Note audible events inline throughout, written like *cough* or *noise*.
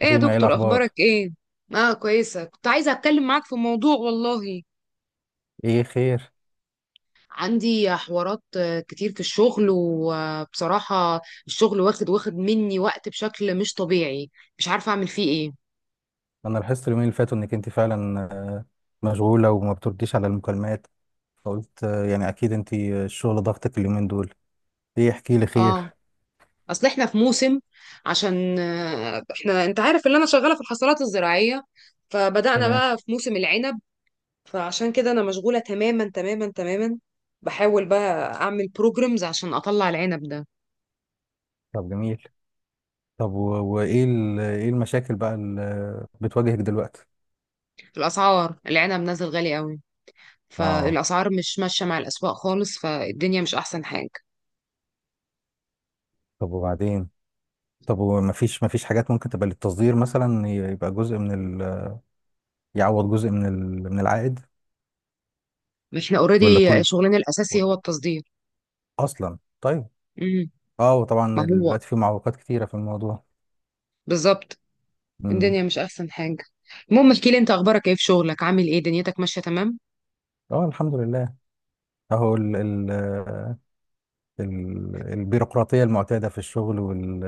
ايه يا فاطمة، ايه دكتور اخبارك الأخبار؟ ايه؟ اه، كويسه. كنت عايزه اتكلم معاك في موضوع والله. ايه خير؟ عندي حوارات كتير في الشغل، وبصراحه الشغل واخد مني وقت بشكل مش طبيعي. مش عارفه اعمل فيه ايه. أنا لاحظت اليومين اللي فاتوا إنك أنت فعلا مشغولة وما بترديش على المكالمات، فقلت يعني أكيد أنت الشغل ضغطك اليومين دول. ايه، احكي لي اه، خير. اصل احنا في موسم، عشان احنا انت عارف ان انا شغاله في الحصلات الزراعيه، فبدأنا تمام. بقى في موسم العنب. فعشان كده انا مشغوله تماما تماما تماما، بحاول بقى اعمل بروجرامز عشان اطلع العنب ده. طب جميل. طب وإيه إيه المشاكل بقى اللي بتواجهك دلوقتي؟ الاسعار، العنب نازل غالي قوي، اه. فالاسعار مش ماشيه مع الاسواق خالص، فالدنيا مش احسن حاجه. طب وبعدين؟ طب ومفيش حاجات ممكن تبقى للتصدير مثلا، يبقى جزء من يعوض جزء من من العائد؟ احنا ولا اوريدي كل. شغلنا الاساسي هو التصدير. أصلا طيب. امم اه، ما وطبعا هو دلوقتي في معوقات كتيرة في الموضوع. بالظبط، الدنيا مش احسن حاجه. المهم احكي لي انت، اخبارك ايه في شغلك؟ عامل ايه؟ دنيتك ماشيه تمام؟ اه، الحمد لله. اهو ال ال ال البيروقراطيه المعتاده في الشغل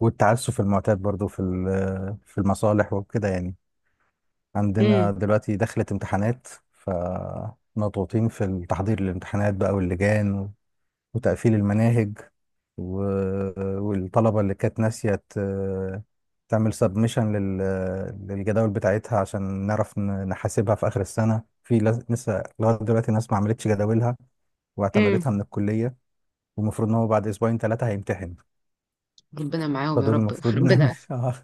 والتعسف المعتاد برضو في المصالح وكده يعني. عندنا امم دلوقتي دخلت امتحانات، فمضغوطين في التحضير للامتحانات بقى واللجان وتقفيل المناهج، والطلبه اللي كانت ناسيه تعمل سبمشن للجداول بتاعتها، عشان نعرف نحاسبها في اخر السنه. لسه لغايه دلوقتي ناس ما عملتش جداولها امم واعتمدتها من الكلية، والمفروض ان هو بعد اسبوعين ثلاثة هيمتحن. ربنا معاهم يا فدول رب *laughs* المفروض *laughs* نعمل ربنا. آه،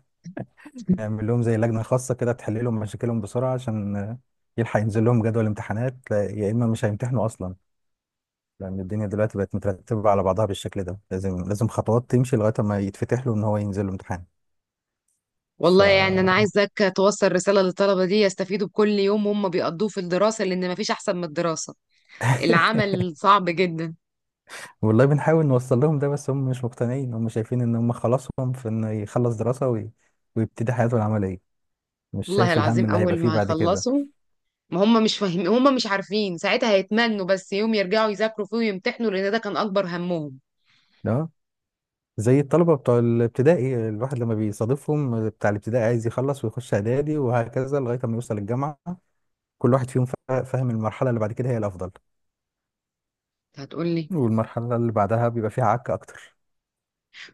نعمل لهم زي لجنة خاصة كده تحل لهم مشاكلهم بسرعة، عشان يلحق ينزل لهم جدول امتحانات، يا اما مش هيمتحنوا اصلا. لان الدنيا دلوقتي بقت مترتبة على بعضها بالشكل ده، لازم لازم خطوات تمشي لغاية ما يتفتح له ان هو ينزل له امتحان. ف والله يعني انا عايزك توصل رساله للطلبه دي، يستفيدوا بكل يوم هم بيقضوه في الدراسه، لان مفيش احسن من الدراسه. العمل صعب جدا. والله بنحاول نوصل لهم ده، بس هم مش مقتنعين. هم شايفين ان هم خلاصهم في انه يخلص دراسة ويبتدي حياته العملية، مش والله شايف الهم العظيم اللي هيبقى اول فيه ما بعد كده. يخلصوا، ما هم مش فاهمين، هم مش عارفين، ساعتها هيتمنوا بس يوم يرجعوا يذاكروا فيه ويمتحنوا، لان ده كان اكبر همهم. لا، زي الطلبة بتوع الابتدائي، الواحد لما بيصادفهم بتاع الابتدائي عايز يخلص ويخش إعدادي، وهكذا لغاية ما يوصل الجامعة. كل واحد فيهم فاهم المرحلة اللي بعد كده هي الأفضل، هتقولي، والمرحلة اللي بعدها بيبقى فيها عك أكتر.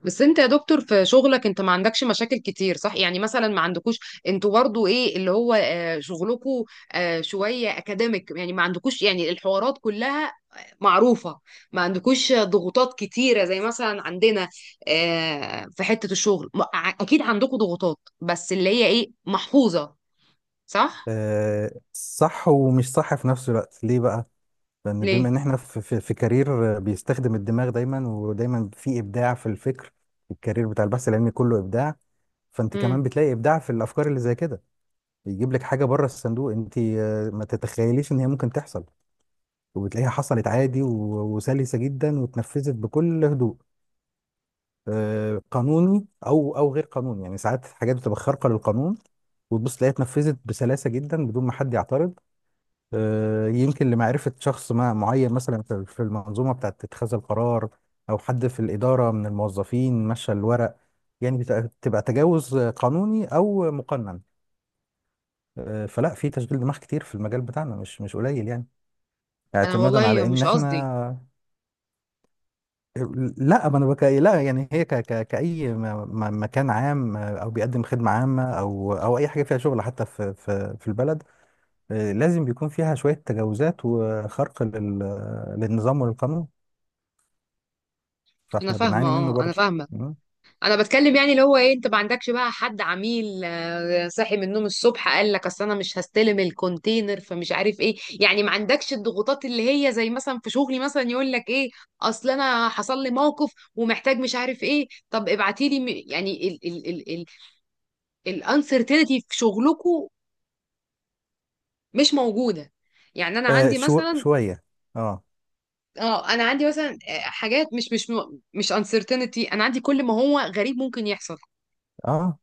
بس انت يا دكتور في شغلك انت ما عندكش مشاكل كتير صح؟ يعني مثلا ما عندكوش، انتوا برضو ايه اللي هو شغلكوا شوية اكاديميك، يعني ما عندكوش يعني الحوارات كلها معروفة، ما عندكوش ضغوطات كتيرة زي مثلا عندنا في حتة الشغل اكيد عندكوا ضغوطات، بس اللي هي ايه، محفوظة، صح؟ صح ومش صح في نفس الوقت. ليه بقى؟ لأن بما ليه؟ إن إحنا في كارير بيستخدم الدماغ دايما ودايما، في إبداع في الفكر. الكارير بتاع البحث العلمي كله إبداع، فأنت كمان امم بتلاقي إبداع في الأفكار اللي زي كده. يجيب لك حاجة بره الصندوق، أنت ما تتخيليش إن هي ممكن تحصل، وبتلاقيها حصلت عادي وسلسة جدا، واتنفذت بكل هدوء. قانوني او غير قانوني، يعني ساعات حاجات بتبقى خارقة للقانون، وتبص تلاقيها اتنفذت بسلاسة جدا بدون ما حد يعترض. يمكن لمعرفة شخص ما معين، مثلا في المنظومة بتاعة اتخاذ القرار، او حد في الإدارة من الموظفين مشى الورق. يعني بتبقى تجاوز قانوني او مقنن. فلا، في تشغيل دماغ كتير في المجال بتاعنا، مش قليل يعني، انا اعتمادا والله على ان مش قصدي. احنا. لا، ما انا بك... لا يعني هي كأي مكان عام، او بيقدم خدمة عامة او اي حاجة فيها شغل، حتى في البلد، لازم بيكون فيها شوية تجاوزات وخرق للنظام والقانون، انا فاحنا فاهمه، بنعاني منه اه انا برضو. فاهمه. مم. انا بتكلم يعني اللي هو ايه، انت ما عندكش بقى حد عميل صاحي من النوم الصبح قال لك اصل انا مش هستلم الكونتينر فمش عارف ايه، يعني ما عندكش الضغوطات اللي هي زي مثلا في شغلي مثلا، يقول لك ايه اصل انا حصل لي موقف ومحتاج مش عارف ايه، طب ابعتي لي يعني ال الانسرتينتي في شغلكم مش موجوده. يعني انا عندي مثلا، شوية. اه. اه انا عندي مثلا حاجات مش مش uncertainty، انا عندي كل ما هو غريب ممكن يحصل. اه.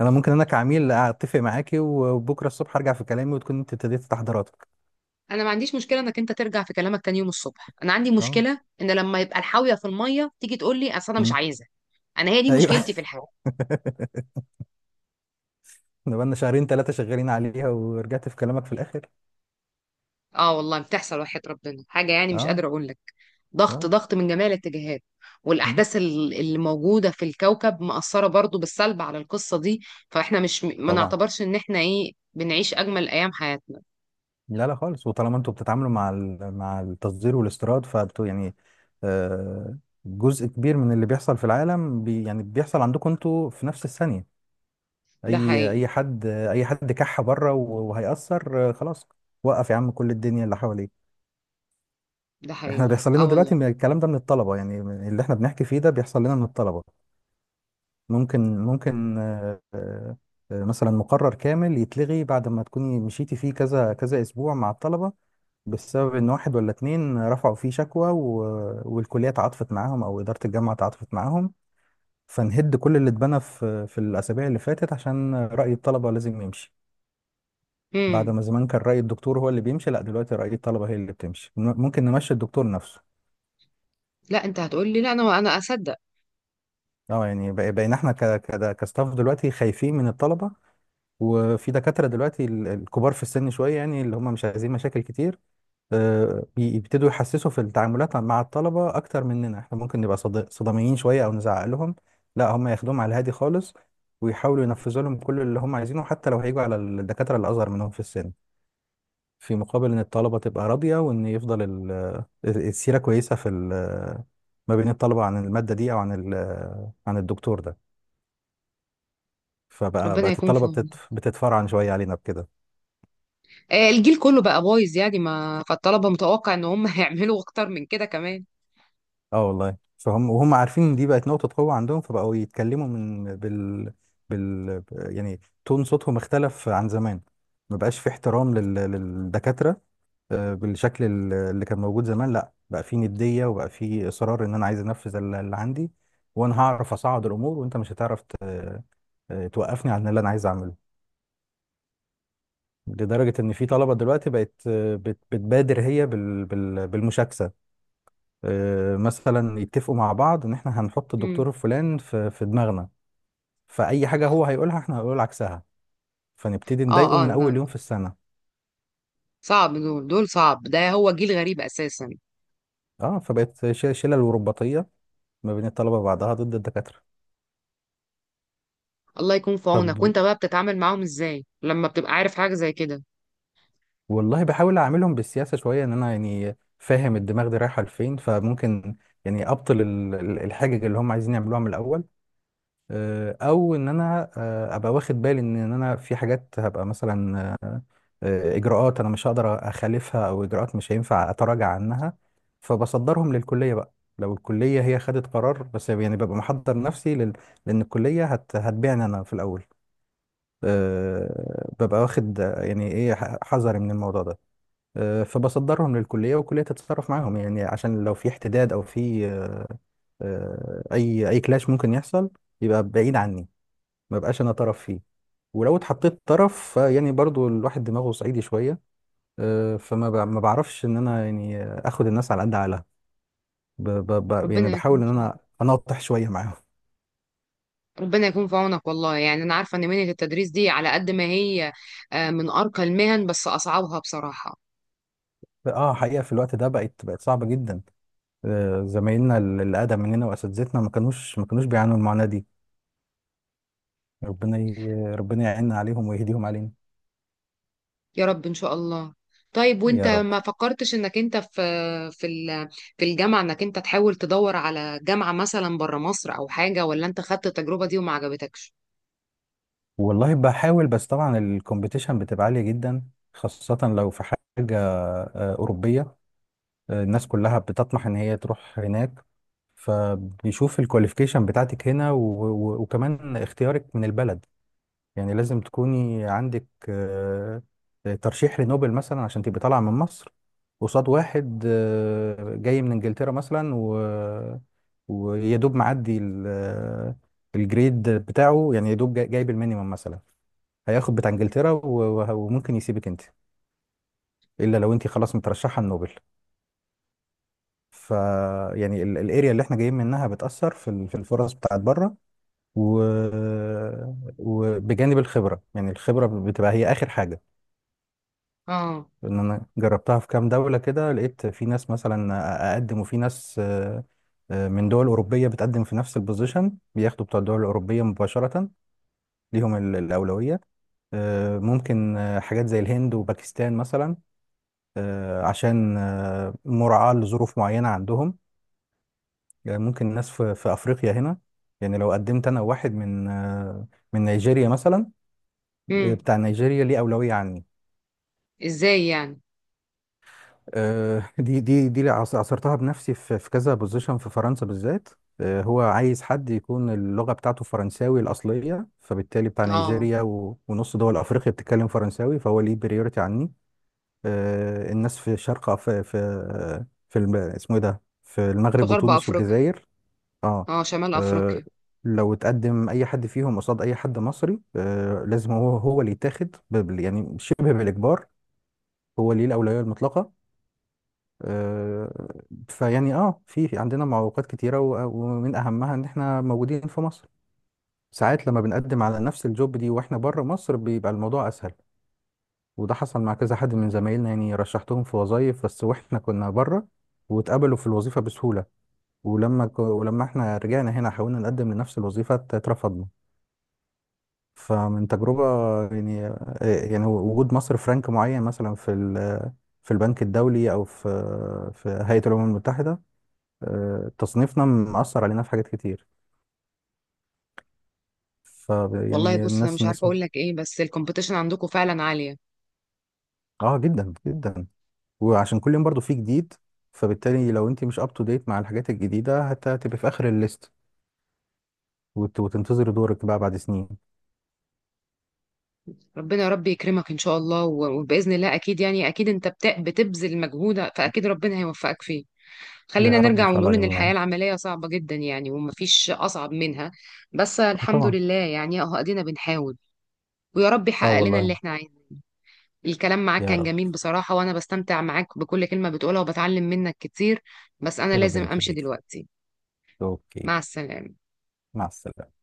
انا كعميل اتفق معاكي، وبكرة الصبح ارجع في كلامي، وتكون انت ابتديت تحضيراتك. انا ما عنديش مشكله انك انت ترجع في كلامك تاني يوم الصبح، انا عندي اه. مشكله ان لما يبقى الحاويه في الميه تيجي تقول لي اصل انا مش مم. عايزه. انا هي دي ايوه. مشكلتي *laughs* في الحياه. احنا بقالنا شهرين ثلاثة شغالين عليها، ورجعت في كلامك في الاخر. اه والله بتحصل، وحياة ربنا حاجه يعني مش اه. قادره اقول لك. ضغط اه. ضغط من جميع الاتجاهات. مم، والاحداث اللي موجوده في الكوكب مأثره برضو بالسلب على القصه دي. فاحنا مش، ما طبعا. نعتبرش ان احنا ايه، بنعيش اجمل ايام حياتنا. لا لا خالص. وطالما انتوا بتتعاملوا مع مع التصدير والاستيراد، فانتوا يعني آه، جزء كبير من اللي بيحصل في العالم يعني بيحصل عندكم انتوا في نفس الثانية. ده اي حقيقي. اي حد اي حد كح بره، وهيأثر خلاص. وقف يا عم كل الدنيا اللي حواليك. ده احنا حقيقي، بيحصل لنا اه دلوقتي والله. من الكلام ده من الطلبة، يعني من اللي احنا بنحكي فيه ده بيحصل لنا من الطلبة. ممكن مثلا مقرر كامل يتلغي بعد ما تكوني مشيتي فيه كذا كذا اسبوع مع الطلبة، بسبب ان واحد ولا اتنين رفعوا فيه شكوى، والكليه تعاطفت معاهم او اداره الجامعه تعاطفت معاهم، فنهد كل اللي اتبنى في الاسابيع اللي فاتت، عشان راي الطلبه لازم يمشي. بعد امم ما زمان كان راي الدكتور هو اللي بيمشي، لا دلوقتي راي الطلبه هي اللي بتمشي. ممكن نمشي الدكتور نفسه. لا انت هتقول لي لا، انا اصدق. اه، يعني بقينا احنا كستاف دلوقتي خايفين من الطلبه. وفي دكاتره دلوقتي الكبار في السن شويه، يعني اللي هم مش عايزين مشاكل كتير، بيبتدوا يحسسوا في التعاملات مع الطلبة أكتر مننا. إحنا ممكن نبقى صداميين شوية أو نزعق لهم، لا هم ياخدوهم على الهادي خالص، ويحاولوا ينفذوا لهم كل اللي هم عايزينه، حتى لو هيجوا على الدكاترة اللي أصغر منهم في السن، في مقابل إن الطلبة تبقى راضية، وإن يفضل السيرة كويسة في ما بين الطلبة عن المادة دي أو عن عن الدكتور ده. فبقى ربنا بقت يكون في الطلبة عونك. بتتفرعن شوية علينا بكده. الجيل كله بقى بايظ يعني، ما فالطلبه متوقع ان هم *laughs* هيعملوا اكتر من كده كمان. اه والله، فهم وهم عارفين ان دي بقت نقطة قوة عندهم، فبقوا يتكلموا من بال يعني تون صوتهم اختلف عن زمان. ما بقاش في احترام للدكاترة بالشكل اللي كان موجود زمان. لا بقى في ندية، وبقى في إصرار ان انا عايز انفذ اللي عندي، وانا هعرف اصعد الامور، وانت مش هتعرف توقفني عن اللي انا عايز اعمله. لدرجة ان في طلبة دلوقتي بقت بتبادر هي بالمشاكسة. مثلا يتفقوا مع بعض ان احنا هنحط امم الدكتور الفلان في دماغنا، فاي حاجه هو هيقولها احنا هنقول عكسها، فنبتدي اه نضايقه اه من لا، اول يوم في السنه. صعب، دول صعب، ده هو جيل غريب اساسا. اه فبقت شلل ورباطيه ما بين الطلبه بعضها ضد الدكاتره. الله يكون في طب، عونك. وانت بقى بتتعامل معاهم ازاي لما بتبقى عارف حاجه زي كده؟ والله بحاول اعاملهم بالسياسه شويه، ان انا يعني فاهم الدماغ دي رايحه لفين، فممكن يعني ابطل الحاجه اللي هم عايزين يعملوها من الاول. او ان انا ابقى واخد بالي إن انا في حاجات هبقى مثلا اجراءات انا مش هقدر اخالفها، او اجراءات مش هينفع اتراجع عنها، فبصدرهم للكليه بقى. لو الكليه هي خدت قرار، بس يعني ببقى محضر نفسي لان الكليه هتبيعني انا في الاول. ببقى واخد يعني ايه، حذري من الموضوع ده. فبصدرهم للكليه، والكليه تتصرف معاهم، يعني عشان لو في احتداد او في اي كلاش ممكن يحصل يبقى بعيد عني، ما بقاش انا طرف فيه. ولو اتحطيت طرف يعني برضو الواحد دماغه صعيدي شويه، ما بعرفش ان انا يعني اخد الناس على قد عقلها، يعني ربنا يكون بحاول ان في عونك. انا اناطح شويه معاهم. ربنا يكون في عونك. والله يعني انا عارفه ان مهنه التدريس دي على قد ما هي من ارقى المهن، بس اصعبها بصراحه. اه، حقيقه في الوقت ده بقت صعبه جدا. زمايلنا اللي اقدم مننا واساتذتنا ما كانوش بيعانوا المعاناه دي. ربنا ربنا يعيننا عليهم ويهديهم علينا. يا رب ان شاء الله. طيب وانت يا رب. ما فكرتش انك انت في في ال- في الجامعه، انك انت تحاول تدور على جامعه مثلا بره مصر او حاجه، ولا انت خدت التجربه دي وما عجبتكش؟ والله بحاول، بس طبعا الكومبيتيشن بتبقى عاليه جدا، خاصه لو في حاجه اوروبيه. الناس كلها بتطمح ان هي تروح هناك، فبيشوف الكواليفيكيشن بتاعتك هنا، وكمان اختيارك من البلد. يعني لازم تكوني عندك ترشيح لنوبل مثلا عشان تبقي طالعة من مصر، قصاد واحد جاي من انجلترا مثلا ويا دوب معدي الجريد بتاعه، يعني يا دوب جايب المينيمم مثلا، هياخد بتاع انجلترا وممكن يسيبك انت، الا لو انت خلاص مترشحه النوبل. ف يعني الاريا اللي احنا جايين منها بتأثر في في الفرص بتاعت بره، و... وبجانب الخبرة. يعني الخبرة بتبقى هي آخر حاجة. اه. ان انا جربتها في كام دولة كده، لقيت في ناس مثلا اقدم، وفي ناس من دول أوروبية بتقدم في نفس البوزيشن، بياخدوا بتوع الدول الأوروبية مباشرة، ليهم الأولوية. ممكن حاجات زي الهند وباكستان مثلا، عشان مراعاة لظروف معينة عندهم. يعني ممكن ناس في افريقيا هنا، يعني لو قدمت انا واحد من من نيجيريا مثلا، امم بتاع نيجيريا ليه اولويه عني. ازاي يعني؟ دي اللي عصرتها بنفسي في كذا بوزيشن في فرنسا بالذات. هو عايز حد يكون اللغه بتاعته فرنساوي الاصليه، فبالتالي بتاع اه. نيجيريا ونص دول افريقيا بتتكلم فرنساوي، فهو ليه بريورتي عني. الناس في شرق اسمه ايه ده، في في المغرب غرب وتونس افريقيا. والجزائر. اه. اه شمال آه، افريقيا. لو اتقدم اي حد فيهم قصاد اي حد مصري، لازم هو هو اللي يتاخد يعني شبه بالاجبار، هو اللي ليه الاولويه المطلقه. آه، فيعني، في في عندنا معوقات كتيره، ومن اهمها ان احنا موجودين في مصر. ساعات لما بنقدم على نفس الجوب دي واحنا بره مصر، بيبقى الموضوع اسهل. وده حصل مع كذا حد من زمايلنا، يعني رشحتهم في وظايف بس واحنا كنا بره، واتقبلوا في الوظيفه بسهوله، ولما ولما احنا رجعنا هنا حاولنا نقدم لنفس الوظيفه، اترفضنا. فمن تجربة، يعني وجود مصر فرنك معين مثلا في في البنك الدولي أو في هيئة الأمم المتحدة، تصنيفنا مأثر علينا في حاجات كتير. ف والله يعني بص انا مش عارفه الناس اقول لك ايه، بس الكومبيتيشن عندكم فعلا عاليه. اه جدا جدا. وعشان كل يوم برضو في جديد، فبالتالي لو انت مش اب تو ديت مع الحاجات الجديدة، هتبقى في آخر الليست، وتنتظري دورك بقى بعد سنين. ربنا يا رب يكرمك ان شاء الله، وباذن الله اكيد، يعني اكيد انت بتبذل مجهود، فاكيد ربنا هيوفقك فيه. خلينا يا رب إن نرجع شاء ونقول الله إن الحياة جميعا. العملية صعبة جدا يعني، ومفيش أصعب منها. بس اه الحمد طبعا. لله يعني، أهو أدينا بنحاول. ويا رب اه يحقق لنا اللي والله. إحنا عايزينه. الكلام معاك يا كان رب. جميل بصراحة، وأنا بستمتع معاك بكل كلمة بتقولها وبتعلم منك كتير. بس أنا يا لازم ربنا أمشي يخليكي. دلوقتي. اوكي. مع السلامة. مع السلامة.